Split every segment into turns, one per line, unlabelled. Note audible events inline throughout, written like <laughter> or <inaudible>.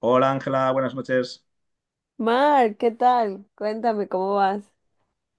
Hola Ángela, buenas noches.
Mar, ¿qué tal? Cuéntame, ¿cómo vas?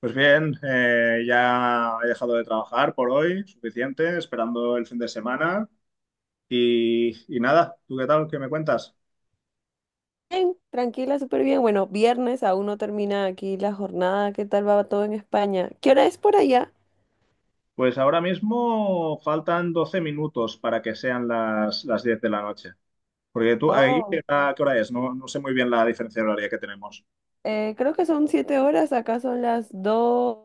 Pues bien, ya he dejado de trabajar por hoy, suficiente, esperando el fin de semana. Y nada, ¿tú qué tal? ¿Qué me cuentas?
Bien, tranquila, súper bien. Bueno, viernes aún no termina aquí la jornada. ¿Qué tal va todo en España? ¿Qué hora es por allá?
Pues ahora mismo faltan 12 minutos para que sean las 10 de la noche. Porque tú, ahí, ¿qué
Oh,
hora, qué hora es? No, no sé muy bien la diferencia horaria que tenemos.
creo que son 7 horas. Acá son las dos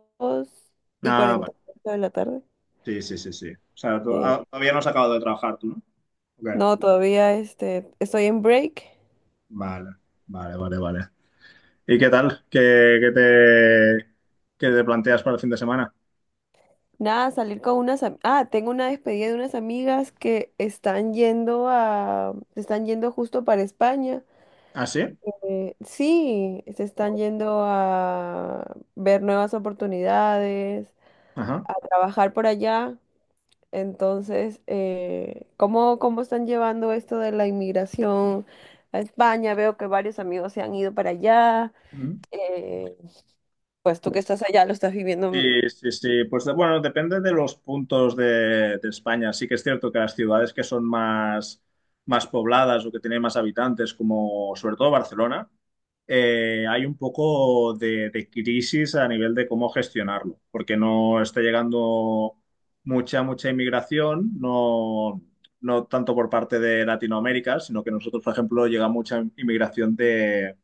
y
Ah, vale.
cuarenta de la tarde.
Sí, sí, sí, sí. O sea,
Sí.
todavía no has acabado de trabajar tú, ¿no? Ok.
No, todavía estoy en break.
Vale, vale, vale, vale. ¿Y qué tal? ¿Qué te planteas para el fin de semana?
Nada, salir con unas. Ah, tengo una despedida de unas amigas que están yendo a. Están yendo justo para España.
¿Ah, sí?
Sí, se están yendo a ver nuevas oportunidades,
Ajá.
a trabajar por allá. Entonces, ¿cómo están llevando esto de la inmigración a España? Veo que varios amigos se han ido para allá.
Mm.
Eh, pues tú que
Pues,
estás allá lo estás viviendo.
sí, sí, sí. Pues bueno, depende de los puntos de España. Sí que es cierto que las ciudades que son más pobladas o que tienen más habitantes, como sobre todo Barcelona, hay un poco de crisis a nivel de cómo gestionarlo, porque no está llegando mucha, mucha inmigración, no, no tanto por parte de Latinoamérica, sino que nosotros, por ejemplo, llega mucha inmigración de,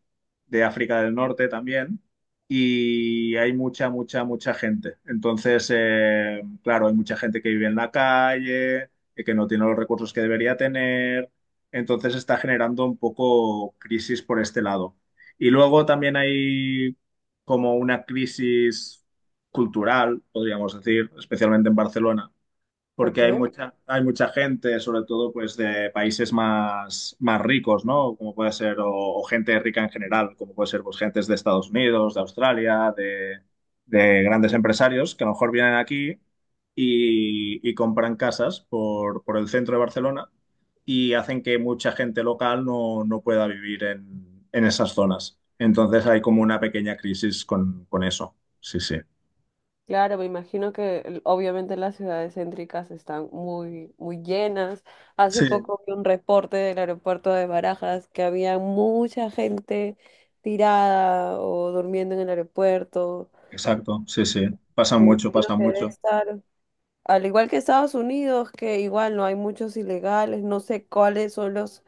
de África del Norte también y hay mucha, mucha, mucha gente. Entonces, claro, hay mucha gente que vive en la calle, que no tiene los recursos que debería tener. Entonces está generando un poco crisis por este lado. Y luego también hay como una crisis cultural, podríamos decir, especialmente en Barcelona, porque
Ok.
hay mucha gente, sobre todo pues de países más, más ricos, ¿no? Como puede ser, o gente rica en general, como puede ser pues gentes de Estados Unidos, de Australia, de grandes empresarios que a lo mejor vienen aquí y compran casas por el centro de Barcelona y hacen que mucha gente local no, no pueda vivir en esas zonas. Entonces hay como una pequeña crisis con eso. Sí, sí.
Claro, me imagino que obviamente las ciudades céntricas están muy, muy llenas. Hace
Sí,
poco vi un reporte del aeropuerto de Barajas que había mucha gente tirada o durmiendo en el aeropuerto.
exacto. Sí, sí. Pasa
Me
mucho, pasa
imagino que debe
mucho.
estar, al igual que Estados Unidos, que igual no hay muchos ilegales, no sé cuáles son los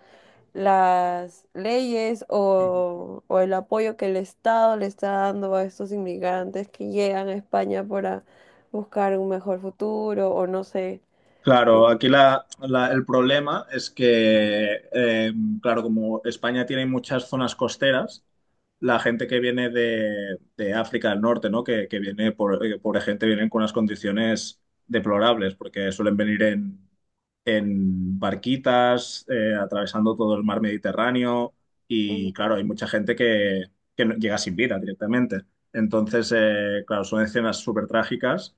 las leyes o el apoyo que el Estado le está dando a estos inmigrantes que llegan a España para buscar un mejor futuro o no sé,
Claro,
¿no?
aquí el problema es que, claro, como España tiene muchas zonas costeras, la gente que viene de África del Norte, ¿no? Que viene, pobre gente, vienen con unas condiciones deplorables, porque suelen venir en barquitas, atravesando todo el mar Mediterráneo, y
Ujú.
claro, hay mucha gente que, llega sin vida directamente. Entonces, claro, son escenas súper trágicas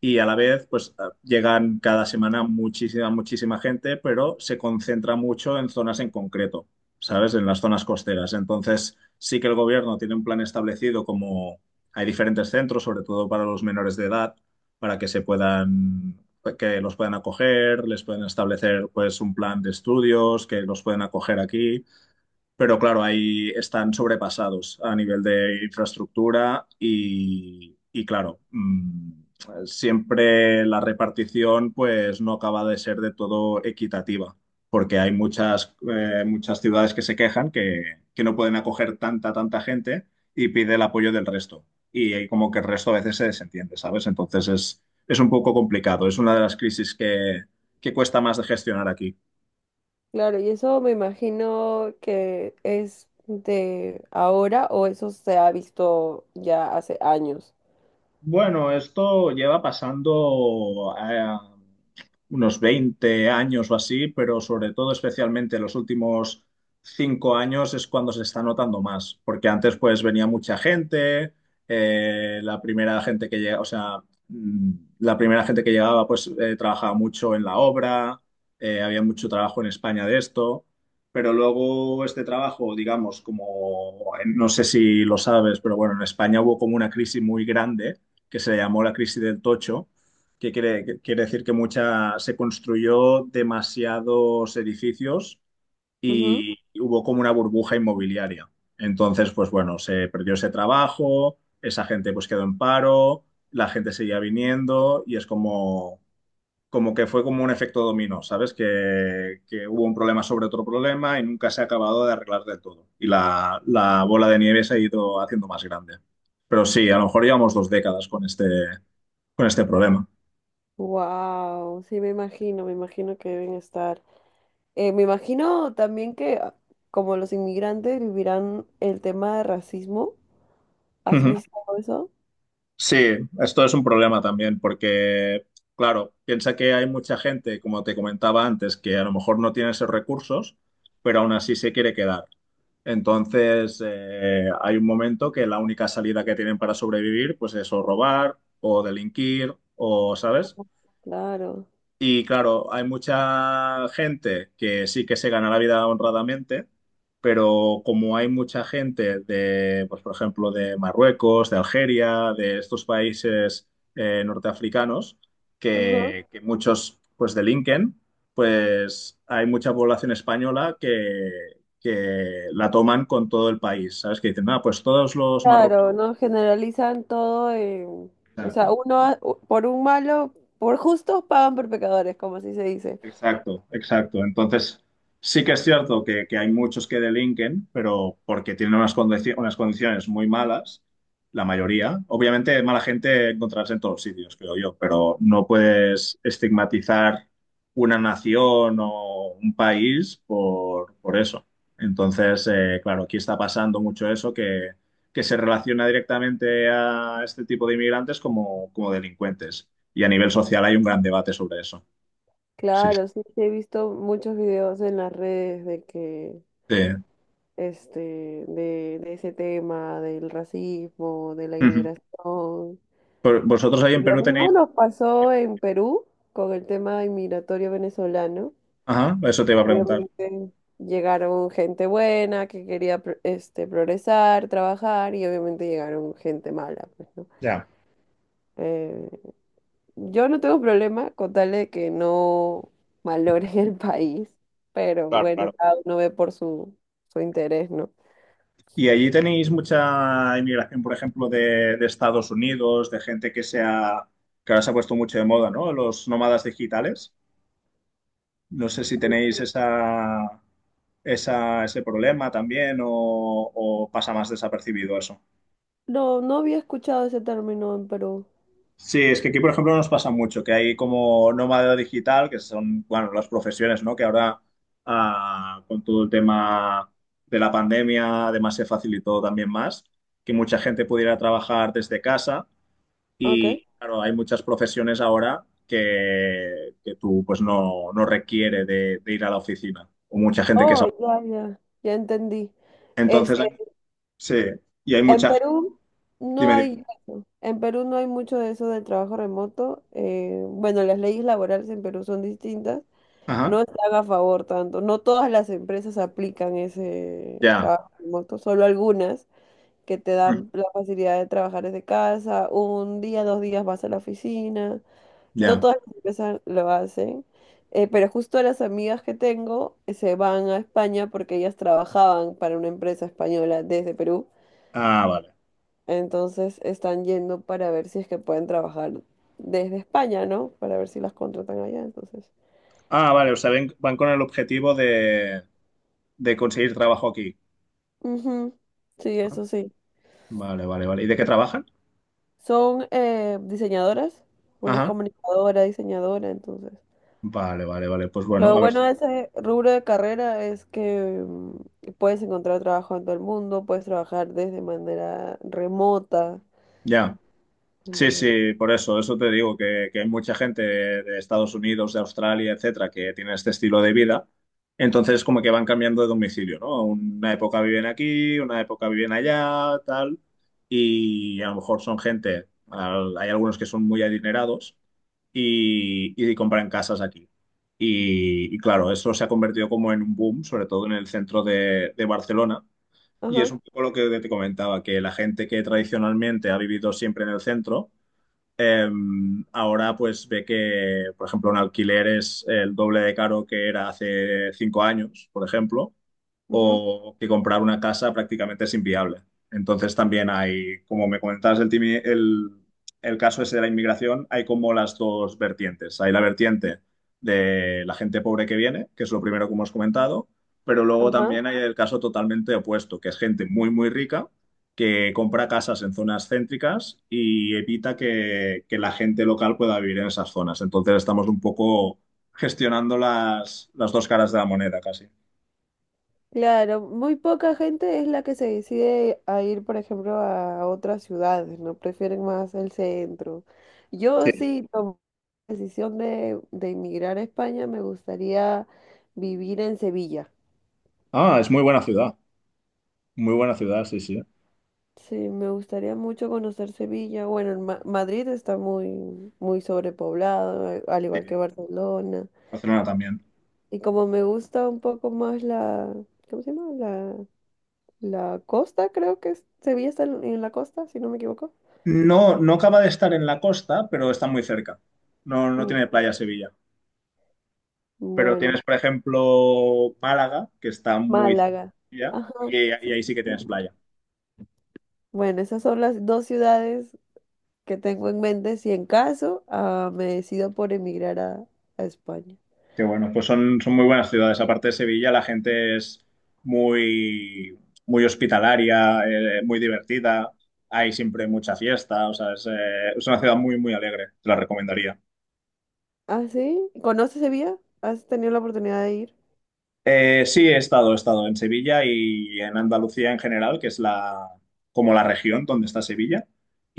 y a la vez, pues llegan cada semana muchísima, muchísima gente, pero se concentra mucho en zonas en concreto, ¿sabes? En las zonas costeras. Entonces, sí que el gobierno tiene un plan establecido como hay diferentes centros, sobre todo para los menores de edad, para que se puedan, que los puedan acoger, les pueden establecer, pues, un plan de estudios, que los pueden acoger aquí pero claro, ahí están sobrepasados a nivel de infraestructura y claro, siempre la repartición pues no acaba de ser de todo equitativa, porque hay muchas, muchas ciudades que se quejan que no pueden acoger tanta, tanta gente y pide el apoyo del resto. Y ahí como que el resto a veces se desentiende, ¿sabes? Entonces es un poco complicado, es una de las crisis que cuesta más de gestionar aquí.
Claro, y eso me imagino que es de ahora o eso se ha visto ya hace años.
Bueno, esto lleva pasando unos 20 años o así, pero sobre todo, especialmente los últimos 5 años es cuando se está notando más, porque antes pues venía mucha gente, la primera gente que llega, o sea, la primera gente que llegaba pues trabajaba mucho en la obra, había mucho trabajo en España de esto. Pero luego este trabajo, digamos, como no sé si lo sabes, pero bueno, en España hubo como una crisis muy grande que se llamó la crisis del tocho, que quiere decir que mucha, se construyó demasiados edificios y hubo como una burbuja inmobiliaria. Entonces, pues bueno, se perdió ese trabajo, esa gente pues quedó en paro, la gente seguía viniendo y es como, como que fue como un efecto dominó, ¿sabes? Que hubo un problema sobre otro problema y nunca se ha acabado de arreglar del todo. Y la bola de nieve se ha ido haciendo más grande. Pero sí, a lo mejor llevamos 2 décadas con este problema.
Wow, sí me imagino que deben estar. Me imagino también que como los inmigrantes vivirán el tema de racismo. ¿Has
Ujú.
visto eso?
Sí, esto es un problema también porque, claro, piensa que hay mucha gente, como te comentaba antes, que a lo mejor no tiene esos recursos, pero aún así se quiere quedar. Entonces, hay un momento que la única salida que tienen para sobrevivir, pues es o robar o delinquir o, ¿sabes?
Claro.
Y claro, hay mucha gente que sí que se gana la vida honradamente, pero como hay mucha gente de, pues por ejemplo, de Marruecos, de Algeria, de estos países norteafricanos,
Ajá.
que muchos pues delinquen, pues hay mucha población española que la toman con todo el país, ¿sabes? Que dicen, ah, pues todos los
Claro,
marroquíes.
no generalizan todo. O sea, uno, por un malo, por justos pagan por pecadores, como así se dice.
Exacto, exacto. Entonces, sí que es cierto que hay muchos que delinquen, pero porque tienen unas, unas condiciones muy malas, la mayoría. Obviamente, mala gente encontrarás en todos sitios, creo yo, pero no puedes estigmatizar una nación o un país por eso. Entonces, claro, aquí está pasando mucho eso que se relaciona directamente a este tipo de inmigrantes como, como delincuentes. Y a nivel social hay un gran debate sobre eso. Sí.
Claro, sí, sí he visto muchos videos en las redes de que,
Sí,
este, de ese tema, del racismo, de la
ujú.
inmigración.
Vosotros ahí en
Lo
Perú tenéis...
mismo nos pasó en Perú con el tema inmigratorio venezolano.
Ajá, eso te iba a preguntar.
Obviamente llegaron gente buena que quería progresar, trabajar y obviamente llegaron gente mala, pues, ¿no?
Ya,
Eh, yo no tengo problema con tal de que no malogren <laughs> el país, pero
claro,
bueno,
claro.
cada uno ve por su interés, ¿no?
¿Y allí tenéis mucha inmigración, por ejemplo, de Estados Unidos, de gente que sea, que ahora se ha puesto mucho de moda, ¿no? Los nómadas digitales. No sé si tenéis ese problema también o pasa más desapercibido eso.
No, no había escuchado ese término en Perú.
Sí, es que aquí, por ejemplo, nos pasa mucho, que hay como nómada digital, que son, bueno, las profesiones, ¿no? Que ahora, con todo el tema de la pandemia, además se facilitó también más, que mucha gente pudiera trabajar desde casa
Ok.
y, claro, hay muchas profesiones ahora que tú, pues, no, no requiere de ir a la oficina, o mucha gente que es...
Oh, ya, ya. Ya entendí.
Entonces,
Este,
sí, y hay
En
mucha...
Perú no
Dime,
hay
dime.
eso. En Perú no hay mucho de eso del trabajo remoto. Bueno, las leyes laborales en Perú son distintas. No
Ajá,
están a favor tanto. No todas las empresas aplican ese
ya,
trabajo remoto, solo algunas que te
ujú,
dan la facilidad de trabajar desde casa. Un día, 2 días vas a la oficina. No
ya.
todas las empresas lo hacen. Pero justo las amigas que tengo se van a España porque ellas trabajaban para una empresa española desde Perú.
Ah, vale.
Entonces están yendo para ver si es que pueden trabajar desde España, ¿no? Para ver si las contratan allá, entonces.
Ah, vale, o sea, van con el objetivo de conseguir trabajo aquí.
Ujú. Sí,
Ah,
eso sí.
vale, vale, vale. ¿Y de qué trabajan?
Son diseñadoras. Una es
Ajá.
comunicadora, diseñadora, entonces.
Vale, vale, vale. Pues bueno,
Lo
a ver
bueno
si...
de ese rubro de carrera es que puedes encontrar trabajo en todo el mundo, puedes trabajar desde manera remota.
Ya. Sí,
Entonces,
sí, por eso, eso te digo, que hay mucha gente de Estados Unidos, de Australia, etcétera, que tiene este estilo de vida. Entonces, como que van cambiando de domicilio, ¿no? Una época viven aquí, una época viven allá, tal. Y a lo mejor son gente, hay algunos que son muy adinerados y compran casas aquí. Y claro, eso se ha convertido como en un boom, sobre todo en el centro de Barcelona. Y es
ajá,
un poco lo que te comentaba, que la gente que tradicionalmente ha vivido siempre en el centro, eh, ahora pues ve que, por ejemplo, un alquiler es el doble de caro que era hace 5 años, por ejemplo
ujú,
o que comprar una casa prácticamente es inviable. Entonces también hay, como me comentabas el, el caso ese de la inmigración, hay como las dos vertientes. Hay la vertiente de la gente pobre que viene, que es lo primero que hemos comentado, pero luego
ajá.
también hay el caso totalmente opuesto, que es gente muy, muy rica que compra casas en zonas céntricas y evita que la gente local pueda vivir en esas zonas. Entonces estamos un poco gestionando las dos caras de la moneda casi.
Claro, muy poca gente es la que se decide a ir, por ejemplo, a otras ciudades, ¿no? Prefieren más el centro. Yo sí tomé la decisión de emigrar a España, me gustaría vivir en Sevilla.
Ah, es muy buena ciudad. Muy buena ciudad, sí, sí.
Sí, me gustaría mucho conocer Sevilla. Bueno, en Madrid está muy, muy sobrepoblado, al igual que
Sí,
Barcelona.
Barcelona también.
Y como me gusta un poco más ¿cómo se llama? La costa, creo que Sevilla está en la costa, si no me equivoco.
No, no acaba de estar en la costa, pero está muy cerca. No, no tiene
Mm.
playa Sevilla. Pero
Bueno,
tienes, por ejemplo, Málaga, que está muy
Málaga.
cerca,
Ajá.
y, y
Sí,
ahí sí
sí,
que tienes
sí.
playa.
Bueno, esas son las dos ciudades que tengo en mente si en caso me decido por emigrar a España.
Que bueno, pues son, son muy buenas ciudades. Aparte de Sevilla, la gente es muy, muy hospitalaria, muy divertida. Hay siempre mucha fiesta. O sea, es una ciudad muy, muy alegre. Te la recomendaría.
¿Ah, sí? ¿Conoces Sevilla? ¿Has tenido la oportunidad de ir?
Sí, he estado en Sevilla y en Andalucía en general, que es como la región donde está Sevilla.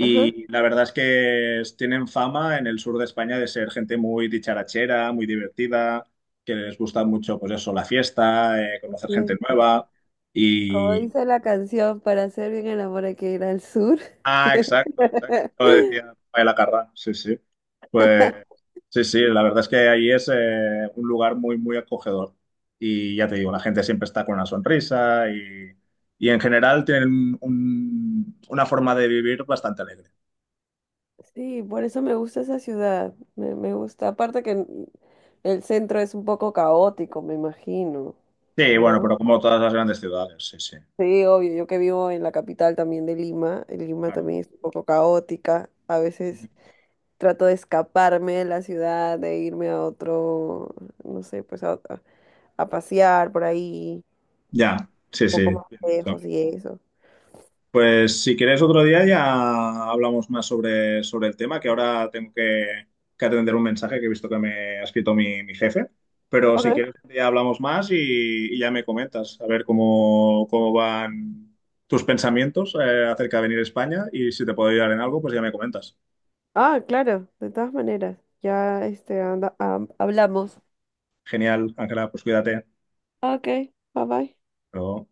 Ajá.
la verdad es que tienen fama en el sur de España de ser gente muy dicharachera, muy divertida, que les gusta mucho, pues eso, la fiesta, conocer
Bien,
gente
pues,
nueva.
como dice la canción, para hacer bien el amor hay que ir al sur.
Ah, exacto, exacto. Lo
<laughs>
decía Paella Carrà, sí, sí. Pues sí, sí, la verdad es que ahí es un lugar muy, muy acogedor. Y ya te digo, la gente siempre está con una sonrisa y en general tienen una forma de vivir bastante alegre.
Sí, por eso me gusta esa ciudad. Me gusta. Aparte que el centro es un poco caótico, me imagino,
Sí, bueno,
¿no?
pero como todas las grandes ciudades, sí, sí,
Sí, obvio, yo que vivo en la capital también de Lima, en Lima
claro.
también es un poco caótica, a veces trato de escaparme de la ciudad, de irme a otro, no sé, pues a pasear por ahí,
Ya, sí,
un poco
sí.
más lejos y eso.
Pues si quieres otro día ya hablamos más sobre el tema, que ahora tengo que atender un mensaje que he visto que me ha escrito mi jefe. Pero si
Ok.
quieres ya hablamos más y ya me comentas, a ver cómo van tus pensamientos acerca de venir a España y si te puedo ayudar en algo, pues ya me comentas.
Ah, claro, de todas maneras, ya anda, hablamos.
Genial, Ángela, pues cuídate. Hasta
Ok, bye bye.
luego.